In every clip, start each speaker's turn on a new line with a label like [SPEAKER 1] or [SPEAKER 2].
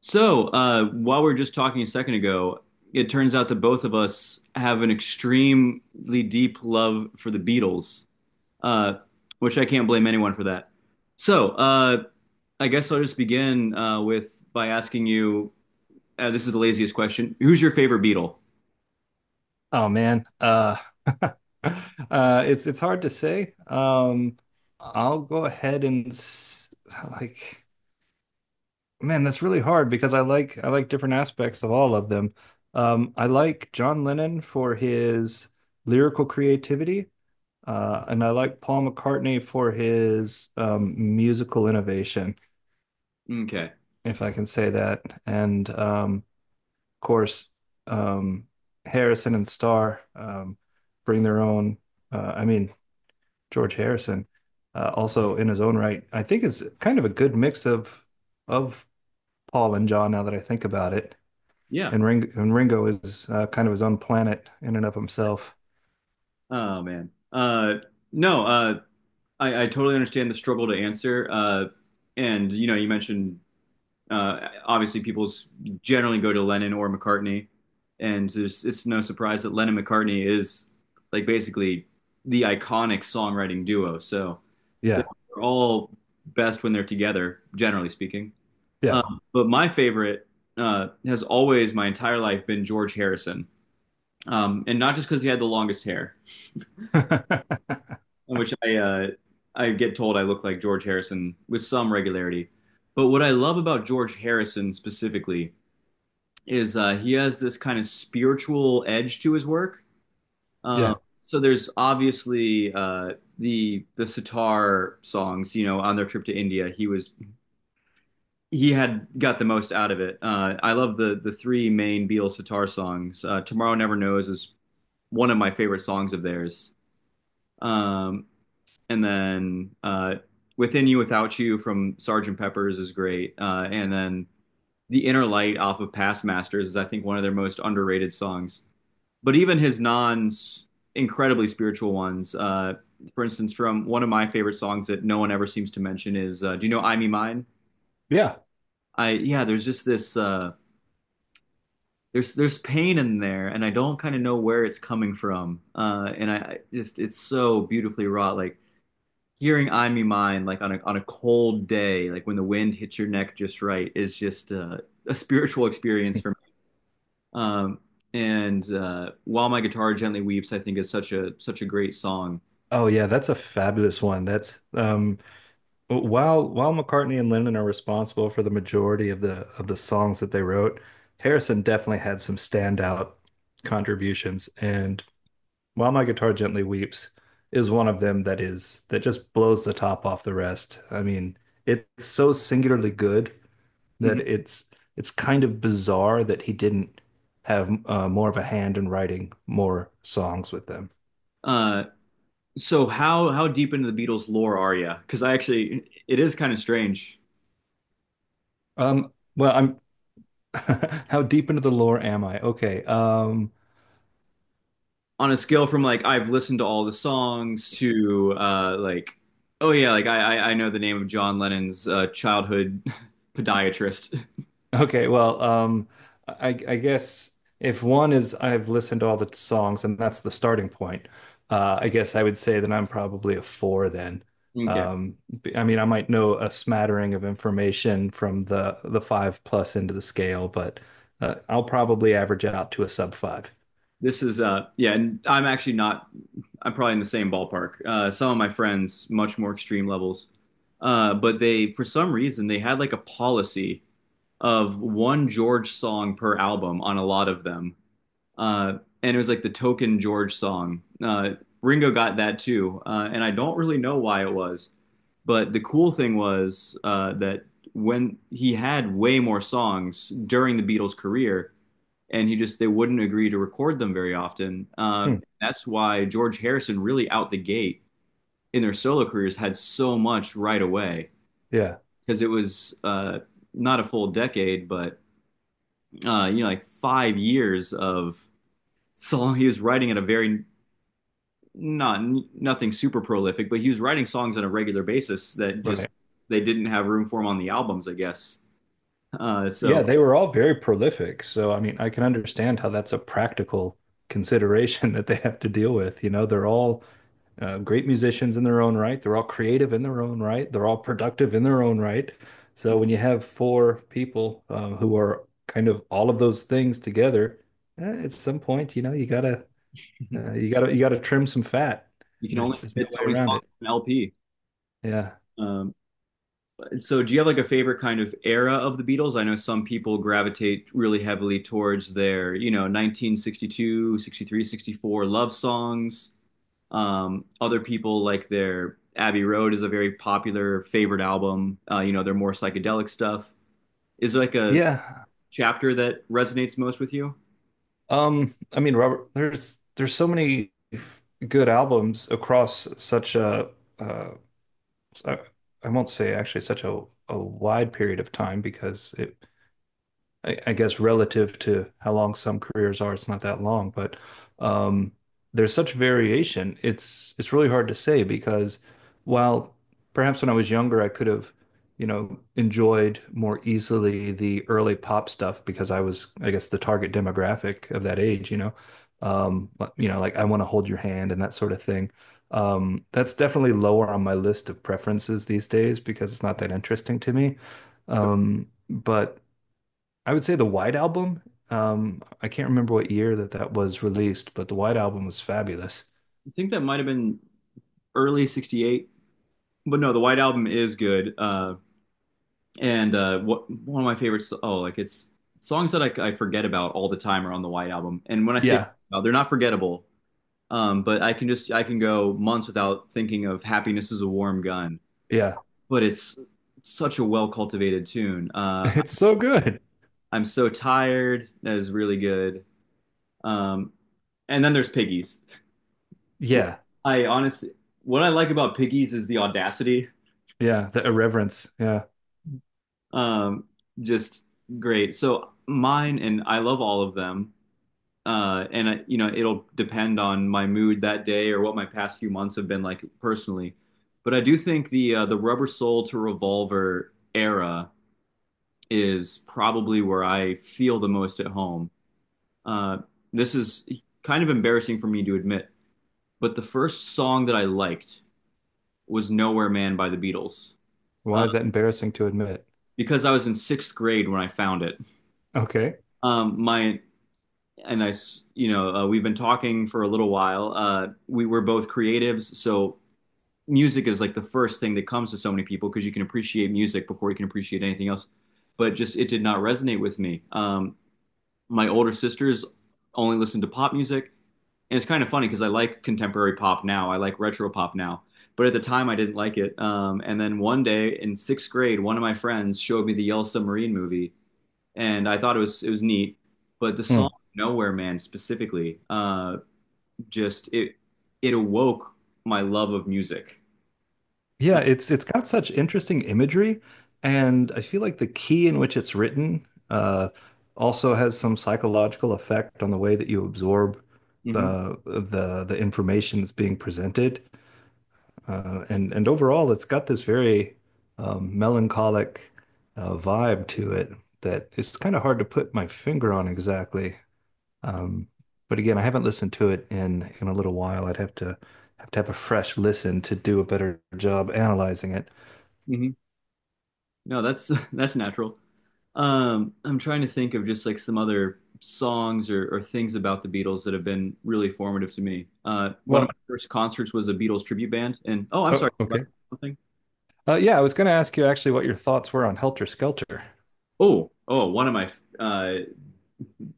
[SPEAKER 1] So, while we are just talking a second ago, it turns out that both of us have an extremely deep love for the Beatles, uh, which I can't blame anyone for that. So, I guess I'll just begin with by asking you, this is the laziest question. Who's your favorite Beatle?
[SPEAKER 2] Oh man, it's hard to say. I'll go ahead and s- like, man, that's really hard because I like different aspects of all of them. I like John Lennon for his lyrical creativity, and I like Paul McCartney for his musical innovation,
[SPEAKER 1] Okay.
[SPEAKER 2] if I can say that. And of course, um, Harrison and Starr bring their own. Uh, I mean. George Harrison, also in his own right, I think is kind of a good mix of of Paul and John. Now that I think about it,
[SPEAKER 1] Yeah.
[SPEAKER 2] and Ringo is kind of his own planet in and of himself.
[SPEAKER 1] Oh man. No. I totally understand the struggle to answer. And you know, you mentioned obviously, people generally go to Lennon or McCartney, and it's no surprise that Lennon McCartney is like basically the iconic songwriting duo. So they're
[SPEAKER 2] Yeah,
[SPEAKER 1] all best when they're together, generally speaking.
[SPEAKER 2] yeah,
[SPEAKER 1] But my favorite has always, my entire life, been George Harrison, and not just because he had the longest hair, in which I get told I look like George Harrison with some regularity. But what I love about George Harrison specifically is he has this kind of spiritual edge to his work. Um,
[SPEAKER 2] yeah,
[SPEAKER 1] so there's obviously the sitar songs. You know, on their trip to India, he had got the most out of it. I love the three main Beatles sitar songs. Tomorrow Never Knows is one of my favorite songs of theirs. Um, and then Within You Without You from Sergeant Pepper's is great. And then The Inner Light off of Past Masters is, I think, one of their most underrated songs. But even his non incredibly spiritual ones, for instance, from one of my favorite songs that no one ever seems to mention is, do you know "I Me Mine"?
[SPEAKER 2] yeah.
[SPEAKER 1] I Yeah, there's just this there's pain in there, and I don't kind of know where it's coming from, and I just it's so beautifully wrought, like. Hearing "I Me Mine" like on a cold day, like when the wind hits your neck just right, is just a spiritual experience for me. Um, and "While My Guitar Gently Weeps," I think, is such a great song.
[SPEAKER 2] Oh yeah, that's a fabulous one. That's While McCartney and Lennon are responsible for the majority of the songs that they wrote, Harrison definitely had some standout contributions, and While My Guitar Gently Weeps is one of them that just blows the top off the rest. I mean, it's so singularly good that
[SPEAKER 1] Mhm.
[SPEAKER 2] it's it's kind of bizarre that he didn't have more of a hand in writing more songs with them.
[SPEAKER 1] Uh, so how deep into the Beatles lore are you? Because I actually it is kind of strange.
[SPEAKER 2] Well, I'm how deep into the lore am I? Okay. Um,
[SPEAKER 1] On a scale from like I've listened to all the songs to like oh yeah, like I know the name of John Lennon's childhood podiatrist.
[SPEAKER 2] Okay, well, um, I guess if one is I've listened to all the songs and that's the starting point, I guess I would say that I'm probably a four then.
[SPEAKER 1] Okay.
[SPEAKER 2] I mean, I might know a smattering of information from the five plus into the scale, but I'll probably average out to a sub five.
[SPEAKER 1] This is yeah, and I'm actually not, I'm probably in the same ballpark. Some of my friends much more extreme levels. But they for some reason they had like a policy of one George song per album on a lot of them. uh, and it was like the token George song. Ringo got that too, and I don't really know why it was. But the cool thing was that when he had way more songs during the Beatles' career, and he just they wouldn't agree to record them very often.
[SPEAKER 2] Hmm.
[SPEAKER 1] That's why George Harrison really out the gate in their solo careers had so much right away
[SPEAKER 2] Yeah,
[SPEAKER 1] because it was not a full decade, but you know like 5 years of song he was writing at a very not nothing super prolific, but he was writing songs on a regular basis that
[SPEAKER 2] right.
[SPEAKER 1] just
[SPEAKER 2] Right.
[SPEAKER 1] they didn't have room for him on the albums, I guess.
[SPEAKER 2] Yeah,
[SPEAKER 1] So
[SPEAKER 2] they were all very prolific, so I mean, I can understand how that's a practical consideration that they have to deal with. You know, they're all great musicians in their own right. They're all creative in their own right. They're all productive in their own right. So
[SPEAKER 1] you
[SPEAKER 2] when you have four people who are kind of all of those things together, at some point, you know, you gotta you gotta trim some fat.
[SPEAKER 1] can
[SPEAKER 2] And there's
[SPEAKER 1] only
[SPEAKER 2] just no
[SPEAKER 1] fit so
[SPEAKER 2] way
[SPEAKER 1] many
[SPEAKER 2] around
[SPEAKER 1] songs
[SPEAKER 2] it.
[SPEAKER 1] on an LP.
[SPEAKER 2] Yeah.
[SPEAKER 1] Um, so do you have like a favorite kind of era of the Beatles? I know some people gravitate really heavily towards their, 1962, 63, 64 love songs. Other people like their Abbey Road is a very popular favorite album. Their more psychedelic stuff. Is there like a
[SPEAKER 2] Yeah.
[SPEAKER 1] chapter that resonates most with you?
[SPEAKER 2] I mean, Robert, there's so many good albums across such a uh, I I won't say actually such a wide period of time because I guess relative to how long some careers are, it's not that long, but um, there's such variation. It's really hard to say because while perhaps when I was younger, I could have, you know, enjoyed more easily the early pop stuff because I was, I guess, the target demographic of that age, you know, but, you know, like I want to hold your hand and that sort of thing. That's definitely lower on my list of preferences these days because it's not that interesting to me. But I would say the White Album. I can't remember what year that was released, but the White Album was fabulous.
[SPEAKER 1] I think that might have been early '68, but no, the White Album is good. One of my favorites, oh, like it's songs that I forget about all the time are on the White Album. And when I say
[SPEAKER 2] Yeah,
[SPEAKER 1] they're not forgettable, but I can go months without thinking of "Happiness Is a Warm Gun."
[SPEAKER 2] yeah.
[SPEAKER 1] But it's such a well cultivated tune.
[SPEAKER 2] It's so good.
[SPEAKER 1] I'm so tired. That is really good. Um, and then there's Piggies.
[SPEAKER 2] Yeah,
[SPEAKER 1] I honestly, what I like about Piggies is the audacity.
[SPEAKER 2] yeah. The irreverence. Yeah.
[SPEAKER 1] Um, just great. So mine, and I love all of them. And it'll depend on my mood that day or what my past few months have been like personally. But I do think the Rubber Soul to Revolver era is probably where I feel the most at home. Uh, this is kind of embarrassing for me to admit, but the first song that I liked was Nowhere Man by the Beatles.
[SPEAKER 2] Why
[SPEAKER 1] Uh,
[SPEAKER 2] is that embarrassing to admit?
[SPEAKER 1] because I was in sixth grade when I found it.
[SPEAKER 2] Okay.
[SPEAKER 1] My and I, we've been talking for a little while. We were both creatives, so music is like the first thing that comes to so many people because you can appreciate music before you can appreciate anything else. But just it did not resonate with me. My older sisters only listened to pop music, and it's kind of funny because I like contemporary pop now. I like retro pop now. But at the time, I didn't like it. And then one day in sixth grade, one of my friends showed me the Yellow Submarine movie, and I thought it was neat. But the
[SPEAKER 2] Hmm.
[SPEAKER 1] song "Nowhere Man" specifically, just it awoke my love of music. Uh,
[SPEAKER 2] Yeah, it's got such interesting imagery, and I feel like the key in which it's written also has some psychological effect on the way that you absorb
[SPEAKER 1] hmm
[SPEAKER 2] the information that's being presented. And overall, it's got this very melancholic vibe to it that it's kind of hard to put my finger on exactly. Um, but again, I haven't listened to it in a little while. I'd have to have a fresh listen to do a better job analyzing it.
[SPEAKER 1] hmm No, that's that's natural. I'm trying to think of just like some other songs or things about the Beatles that have been really formative to me. One of my
[SPEAKER 2] Well,
[SPEAKER 1] first concerts was a Beatles tribute band, and oh, I'm
[SPEAKER 2] oh,
[SPEAKER 1] sorry about
[SPEAKER 2] okay.
[SPEAKER 1] something.
[SPEAKER 2] Yeah, I was going to ask you actually what your thoughts were on Helter Skelter.
[SPEAKER 1] Oh, oh, one of my uh,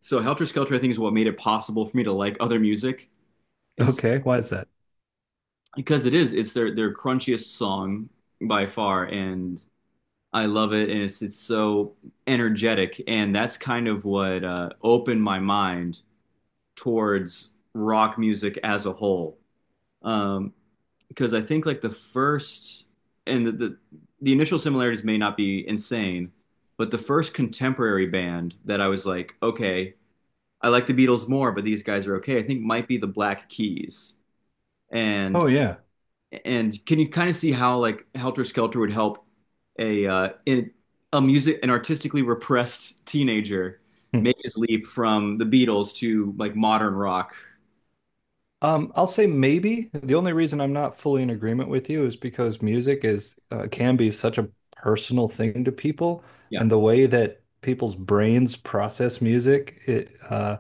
[SPEAKER 1] so Helter Skelter, I think, is what made it possible for me to like other music. And
[SPEAKER 2] Okay, why is that?
[SPEAKER 1] because it's their crunchiest song by far, and I love it, and it's so energetic, and that's kind of what opened my mind towards rock music as a whole, um, because I think like the first and the initial similarities may not be insane, but the first contemporary band that I was like, okay, I like the Beatles more, but these guys are okay, I think, might be the Black Keys. And
[SPEAKER 2] Oh, yeah.
[SPEAKER 1] And can you kind of see how like Helter Skelter would help a in a music an artistically repressed teenager
[SPEAKER 2] Hmm.
[SPEAKER 1] make his leap from the Beatles to like modern rock?
[SPEAKER 2] I'll say maybe. The only reason I'm not fully in agreement with you is because music is can be such a personal thing to people,
[SPEAKER 1] Yeah,
[SPEAKER 2] and the way that people's brains process music, it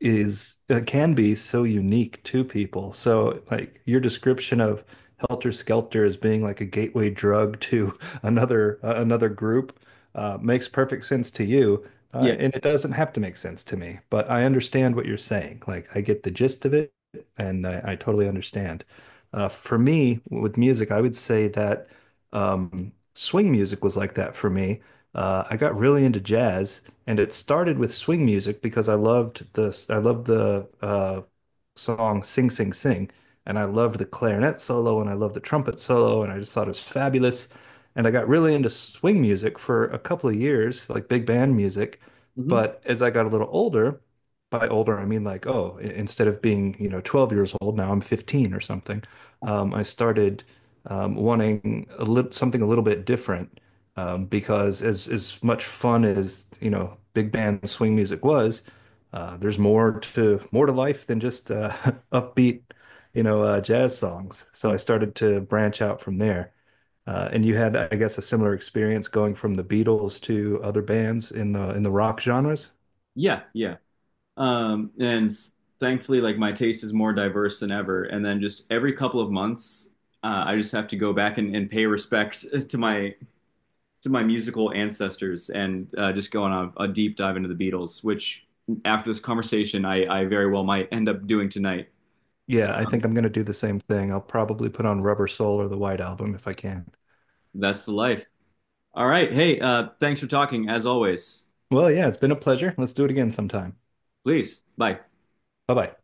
[SPEAKER 2] is can be so unique to people. So like your description of Helter Skelter as being like a gateway drug to another another group makes perfect sense to you,
[SPEAKER 1] yeah,
[SPEAKER 2] and it doesn't have to make sense to me. But I understand what you're saying. Like I get the gist of it, and I totally understand. For me, with music, I would say that swing music was like that for me. I got really into jazz, and it started with swing music because I loved the song Sing Sing Sing. And I loved the clarinet solo and I loved the trumpet solo and I just thought it was fabulous. And I got really into swing music for a couple of years, like big band music.
[SPEAKER 1] hmm,
[SPEAKER 2] But as I got a little older, by older I mean like, instead of being, you know, 12 years old, now I'm 15 or something. I started wanting a little something a little bit different because as much fun as, you know, big band swing music was, there's more to life than just upbeat, you know, jazz songs. So I started to branch out from there. And you had, I guess, a similar experience going from the Beatles to other bands in the rock genres.
[SPEAKER 1] yeah, yeah. And thankfully, like my taste is more diverse than ever. And then just every couple of months, I just have to go back and pay respect to my to my musical ancestors, and just going on a deep dive into the Beatles, which after this conversation, I very well might end up doing tonight. So
[SPEAKER 2] Yeah, I think I'm going to do the same thing. I'll probably put on Rubber Soul or the White Album if I can.
[SPEAKER 1] that's the life. All right. Hey, thanks for talking as always.
[SPEAKER 2] Well, yeah, it's been a pleasure. Let's do it again sometime.
[SPEAKER 1] Please, bye.
[SPEAKER 2] Bye bye.